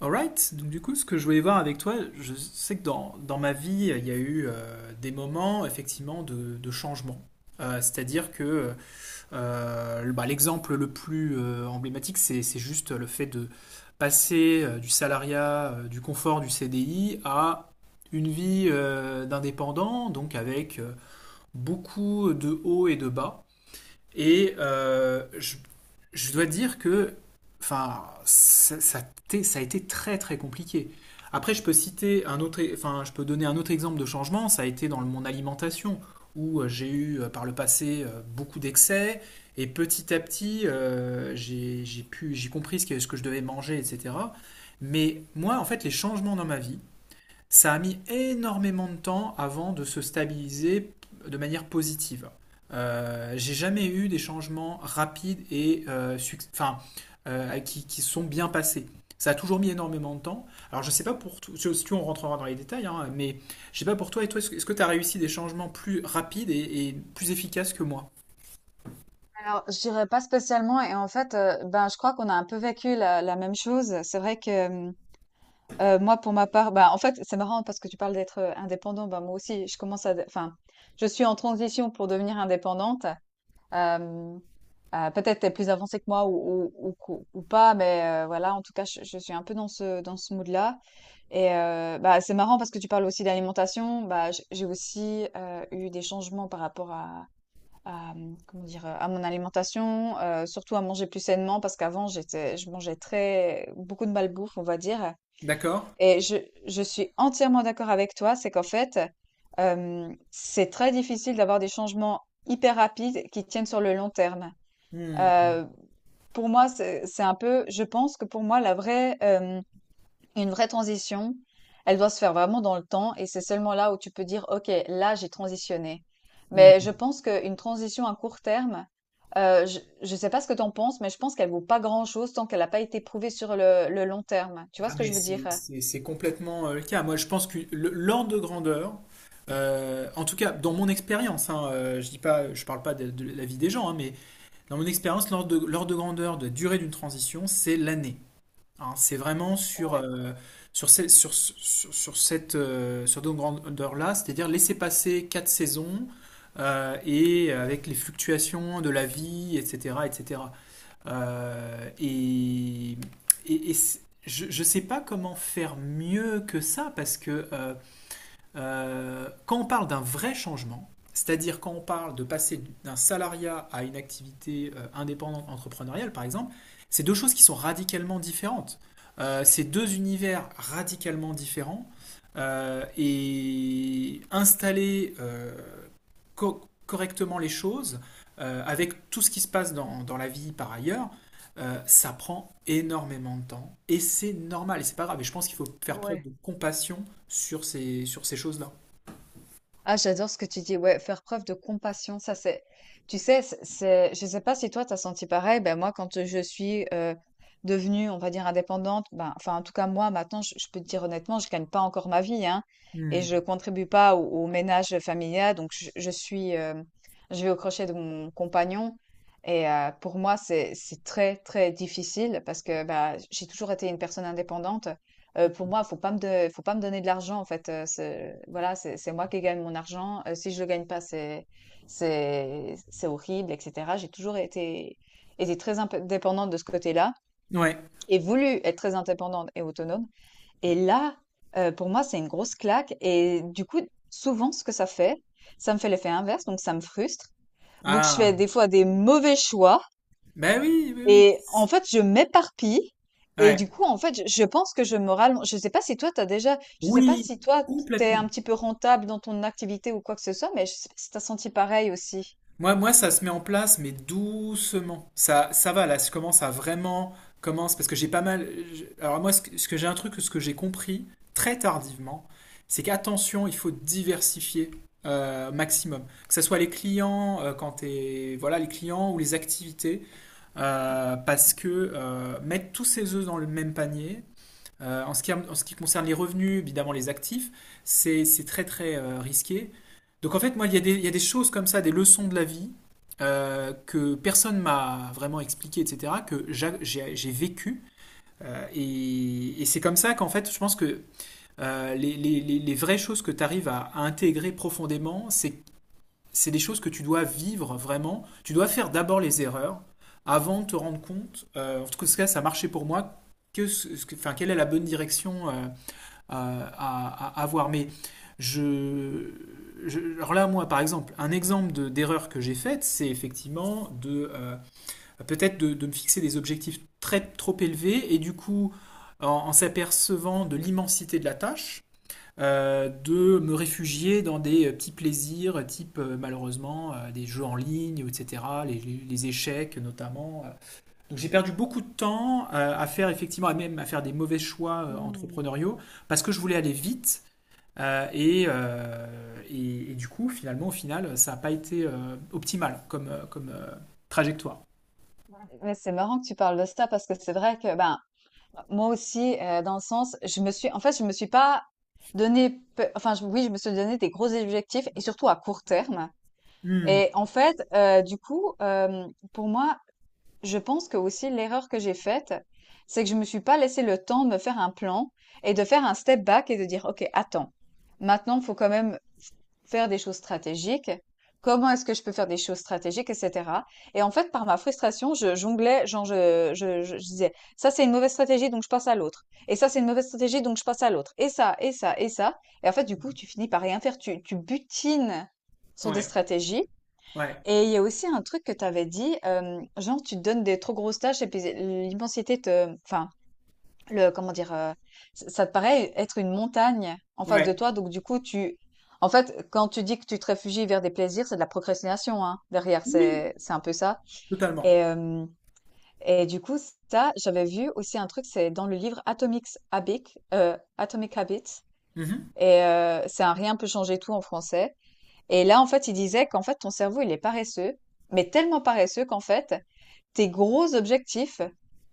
Alright, donc du coup, ce que je voulais voir avec toi, je sais que dans ma vie, il y a eu des moments effectivement de changement. C'est-à-dire que bah, l'exemple le plus emblématique, c'est juste le fait de passer du salariat, du confort du CDI à une vie d'indépendant, donc avec beaucoup de hauts et de bas. Et je dois dire que enfin, ça ça a été très très compliqué. Après, je peux citer un autre, enfin, je peux donner un autre exemple de changement. Ça a été dans mon alimentation où j'ai eu par le passé beaucoup d'excès et petit à petit, j'ai pu, j'ai compris ce que je devais manger, etc. Mais moi, en fait, les changements dans ma vie, ça a mis énormément de temps avant de se stabiliser de manière positive. J'ai jamais eu des changements rapides et enfin, qui sont bien passés. Ça a toujours mis énormément de temps. Alors je sais pas pour toi, si tu on rentrera dans les détails, hein, mais je sais pas pour toi et toi, est-ce que tu as réussi des changements plus rapides et plus efficaces que moi? Alors, je dirais pas spécialement. Et en fait, ben, je crois qu'on a un peu vécu la même chose. C'est vrai que euh, moi, pour ma part, ben, en fait, c'est marrant parce que tu parles d'être indépendant. Ben, moi aussi, je commence à, de- enfin, je suis en transition pour devenir indépendante. Euh, Peut-être t'es plus avancée que moi ou pas, mais voilà. En tout cas, je suis un peu dans ce mood-là. Et bah, c'est marrant parce que tu parles aussi d'alimentation. Bah, j'ai aussi eu des changements par rapport à comment dire? À mon alimentation, surtout à manger plus sainement parce qu'avant j'étais je mangeais très beaucoup de malbouffe, on va dire, D'accord? et je suis entièrement d'accord avec toi. C'est qu'en fait, c'est très difficile d'avoir des changements hyper rapides qui tiennent sur le long terme. Hmm. Heu, pour moi, c'est un peu, je pense que pour moi la vraie, hem une vraie transition, elle doit se faire vraiment dans le temps, et c'est seulement là où tu peux dire, OK, là, j'ai transitionné. Hmm. Mais je pense qu'une transition à court terme, je ne sais pas ce que tu en penses, mais je pense qu'elle vaut pas grand-chose tant qu'elle n'a pas été prouvée sur le long terme. Tu vois Ah, ce que je mais veux dire? C'est complètement le cas. Moi, je pense que l'ordre de grandeur, en tout cas dans mon expérience, hein, je dis pas, je parle pas de la vie des gens, hein, mais dans mon expérience, l'ordre de grandeur de durée d'une transition, c'est l'année. Hein. C'est vraiment sur, Ouais, sur cette grandeur-là, c'est-à-dire laisser passer quatre saisons et avec les fluctuations de la vie, etc., etc. Euh, et, et- et c- je ne sais pas comment faire mieux que ça, parce que quand on parle d'un vrai changement, c'est-à-dire quand on parle de passer d'un salariat à une activité indépendante entrepreneuriale, par exemple, c'est deux choses qui sont radicalement différentes. C'est deux univers radicalement différents. Et installer correctement les choses, avec tout ce qui se passe dans la vie par ailleurs, ça prend énormément de temps. Et c'est normal, et c'est pas grave. Et je pense qu'il faut faire preuve ouais. de compassion sur ces choses-là. Ah, j'adore ce que tu dis. Ouais, faire preuve de compassion, ça c'est. Tu sais, je sais pas si toi t'as senti pareil. Ben moi, quand je suis devenue, on va dire indépendante, ben enfin en tout cas moi maintenant, je peux te dire honnêtement, je gagne pas encore ma vie, hein, et Hmm. je contribue pas au ménage familial. Donc je suis, je vais au crochet de mon compagnon. Et pour moi, c'est très très difficile parce que bah, j'ai toujours été une personne indépendante. Pour moi, faut pas me donner de l'argent en fait, c'est voilà, c'est moi qui gagne mon argent, si je le gagne pas, c'est horrible et cetera. J'ai toujours été très indépendante de ce côté-là Ouais. et voulu être très indépendante et autonome, et là, pour moi, c'est une grosse claque, et du coup, souvent, ce que ça fait, ça me fait l'effet inverse, donc ça me frustre. Donc je fais Ah. des fois des mauvais choix, Ben oui, oui, oui. et en fait, je m'éparpille, et Ouais. du coup, en fait, je pense que je me rallonge. Je sais pas si toi, t'as déjà, je sais pas Oui, si toi, t'es complètement. un petit peu rentable dans ton activité ou quoi que ce soit, mais je sais pas si t'as senti pareil aussi. Moi, ça se met en place, mais doucement. Ça va, là, je commence à vraiment commence parce que j'ai pas mal. Alors moi, ce que j'ai un truc, ce que j'ai compris très tardivement, c'est qu'attention, il faut diversifier maximum. Que ce soit les clients, quand t'es, voilà, les clients ou les activités, parce que mettre tous ses œufs dans le même panier, en ce qui concerne les revenus, évidemment les actifs, c'est très très risqué. Donc en fait, moi, il y a des choses comme ça, des leçons de la vie que personne m'a vraiment expliqué, etc., que j'ai vécu. Et c'est comme ça qu'en fait, je pense que les vraies choses que tu arrives à intégrer profondément, c'est des choses que tu dois vivre vraiment. Tu dois faire d'abord les erreurs avant de te rendre compte, en tout cas ça a marché pour moi, que, ce- ce que- enfin, quelle est la bonne direction à avoir. Mais je, alors là, moi, par exemple, un exemple d'erreur que j'ai faite, c'est effectivement de peut-être de me fixer des objectifs très trop élevés et du coup, en s'apercevant de l'immensité de la tâche, de me réfugier dans des petits plaisirs, type malheureusement des jeux en ligne, etc., les échecs notamment, donc j'ai perdu beaucoup de temps à faire effectivement, à même à faire des mauvais choix Hmm. entrepreneuriaux parce que je voulais aller vite euh, et, euh, et du coup finalement au final ça n'a pas été optimal comme trajectoire. Ouais, c'est marrant que tu parles de ça parce que c'est vrai que ben moi aussi dans le sens je me suis pas donné, oui je me suis donné des gros objectifs et surtout à court terme. Hmm. Et en fait, du coup pour moi je pense que aussi l'erreur que j'ai faite, c'est que je me suis pas laissé le temps de me faire un plan et de faire un step back et de dire, OK, attends, maintenant, il faut quand même faire des choses stratégiques. Comment est-ce que je peux faire des choses stratégiques, etc. Et en fait, par ma frustration, je jonglais, genre je disais, ça c'est une mauvaise stratégie, donc je passe à l'autre. Et ça c'est une mauvaise stratégie, donc je passe à l'autre. Et ça, et ça, et ça. Et en fait, du coup, tu finis par rien faire. Tu butines sur des Ouais, stratégies, ouais, et il y a aussi un truc que tu avais dit, genre tu te donnes des trop grosses tâches et puis l'immensité te enfin, le comment dire? Ç Ça te paraît être une montagne en face de ouais. toi, donc du coup tu en fait, quand tu dis que tu te réfugies vers des plaisirs, c'est de la procrastination, hein, derrière, Oui, c'est un peu ça. Et totalement. hem et du coup Ça, j'avais vu aussi un truc, c'est dans le livre Atomic Habits, Mhm. et c'est Un rien peut changer tout en français. Et là, en fait, il disait qu'en fait, ton cerveau, il est paresseux, mais tellement paresseux qu'en fait, tes gros objectifs,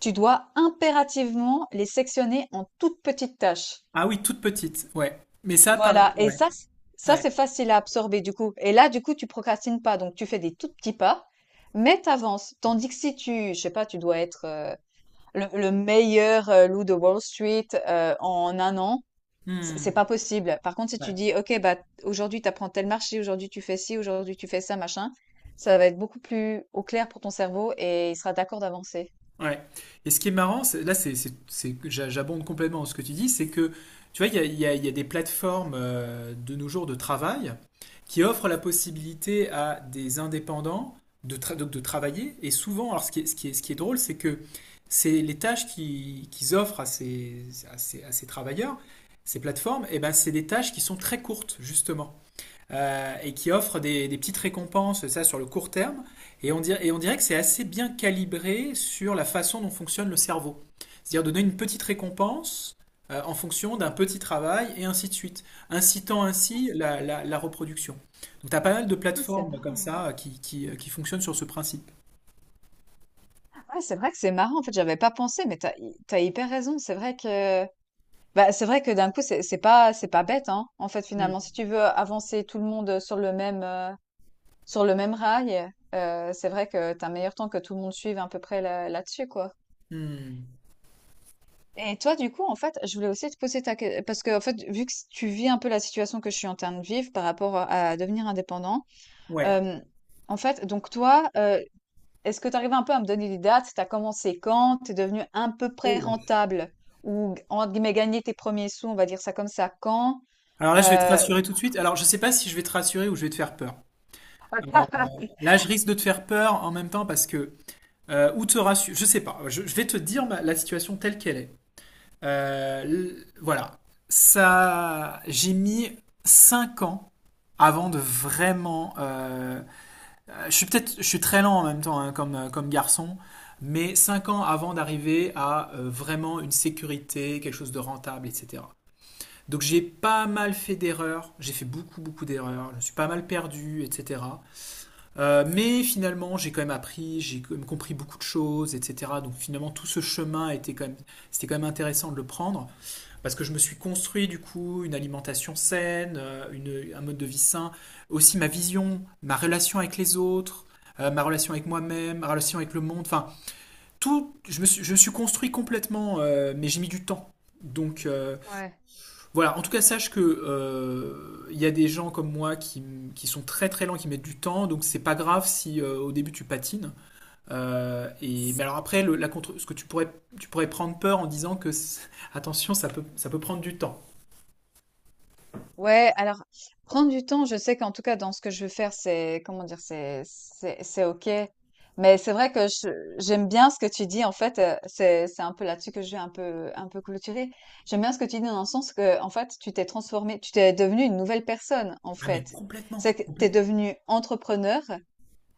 tu dois impérativement les sectionner en toutes petites tâches. Ah oui, toute petite, ouais. Mais ça, pareil, Voilà. Ouais, Ça, ouais. c'est facile à absorber, du coup. Et là, du coup, tu procrastines pas. Donc, tu fais des tout petits pas, mais t'avances. Tandis que si tu, je sais pas, tu dois être le meilleur loup de Wall Street en un an, c'est Hmm. pas possible. Par contre, si Ouais. tu dis, OK, bah, aujourd'hui, tu apprends tel marché, aujourd'hui, tu fais ci, aujourd'hui, tu fais ça, machin, ça va être beaucoup plus au clair pour ton cerveau et il sera d'accord d'avancer. Ouais. Et ce qui est marrant, là, j'abonde complètement dans ce que tu dis, c'est que, tu vois, il y a, il y a- il y a des plateformes de nos jours de travail qui offrent la possibilité à des indépendants donc de travailler. Et souvent, alors ce qui est, ce qui est- ce qui est drôle, c'est que c'est les tâches qu'ils offrent à ces, à ces travailleurs, ces plateformes, et ben, c'est des tâches qui sont très courtes, justement et qui offre des petites récompenses, ça sur le court terme. Et on dirait que c'est assez bien calibré sur la façon dont fonctionne le cerveau. C'est-à-dire donner une petite récompense en fonction d'un petit travail et ainsi de suite, incitant Ah, ainsi c- la reproduction. Donc tu as pas mal de c'est plateformes comme marrant. Ouais, ça qui fonctionnent sur ce principe. Ouais, c'est vrai que c'est marrant. En fait, j'avais pas pensé, mais t'as hyper raison. C'est vrai que, bah, c'est vrai que d'un coup, c'est pas bête, hein. En fait, Hmm. finalement, si tu veux avancer tout le monde sur le même rail, c'est vrai que t'as un meilleur temps que tout le monde suive à peu près là, là-dessus, quoi. Hmm. Et toi, du coup, en fait, je voulais aussi te poser ta question, parce que, en fait, vu que tu vis un peu la situation que je suis en train de vivre par rapport à devenir indépendant, Ouais. euh, en fait, donc toi, est-ce que tu arrives un peu à me donner des dates? Tu as commencé quand? Tu es devenu à peu Oh près là là. rentable? Ou, entre guillemets, gagner tes premiers sous, on va dire ça comme ça, quand? Alors là, je vais te Euh, rassurer tout de suite. Alors, je sais pas si je vais te rassurer ou je vais te faire peur. Là, je risque de te faire peur en même temps parce que ou te rassurer. Je sais pas. Je vais te dire la situation telle qu'elle est. Voilà. Ça, j'ai mis 5 ans avant de vraiment. Je suis très lent en même temps hein, comme garçon, mais 5 ans avant d'arriver à vraiment une sécurité, quelque chose de rentable, etc. Donc j'ai pas mal fait d'erreurs. J'ai fait beaucoup beaucoup d'erreurs. Je me suis pas mal perdu, etc. Mais finalement, j'ai quand même appris, j'ai quand même compris beaucoup de choses, etc. Donc finalement, tout ce chemin était quand même, c'était quand même intéressant de le prendre parce que je me suis construit du coup une alimentation saine, un mode de vie sain, aussi ma vision, ma relation avec les autres, ma relation avec moi-même, ma relation avec le monde. Enfin, tout, je me suis construit complètement, mais j'ai mis du temps. Donc Ouais. voilà, en tout cas, sache que il y a des gens comme moi qui sont très très lents, qui mettent du temps, donc c'est pas grave si au début tu patines. Et mais alors après, la contre, ce que tu pourrais prendre peur en disant que attention, ça peut prendre du temps. Ouais, alors prendre du temps, je sais qu'en tout cas dans ce que je veux faire, c'est comment dire, c'est OK. Mais c'est vrai que j'aime bien ce que tu dis en fait, c'est un peu là-dessus que je vais un peu clôturer. J'aime bien ce que tu dis dans le sens que en fait, tu t'es transformé, tu t'es devenu une nouvelle personne en Ah mais fait. C'est complètement, que t'es complètement. devenu entrepreneur,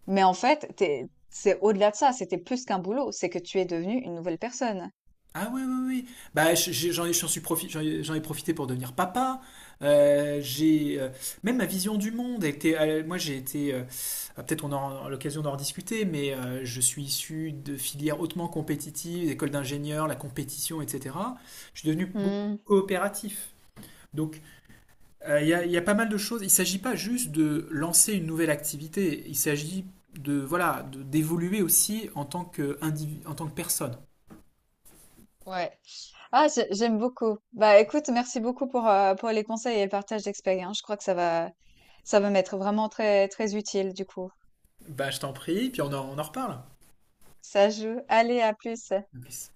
mais en fait, t'es c'est au-delà de ça, c'était plus qu'un boulot, c'est que tu es devenu une nouvelle personne. Ah oui, oui, oui. Bah, j'en ai, j'en suis profi- j'en ai profité pour devenir papa. Euh, j'ai, euh, Même ma vision du monde a été. Moi, j'ai été. Ah, peut-être on aura l'occasion d'en rediscuter, mais je suis issu de filières hautement compétitives, école d'ingénieurs, la compétition, etc. Je suis devenu beaucoup Hmm, plus coopératif. Donc, il y a pas mal de choses. Il ne s'agit pas juste de lancer une nouvelle activité. Il s'agit voilà, d'évoluer aussi en tant que personne. ouais. J'aime beaucoup. Bah, écoute, merci beaucoup pour les conseils et le partage d'expérience. Je crois que ça va m'être vraiment très, très utile, du coup. Bah, je t'en prie, puis on en reparle. Ça joue. Allez, à plus. Peace.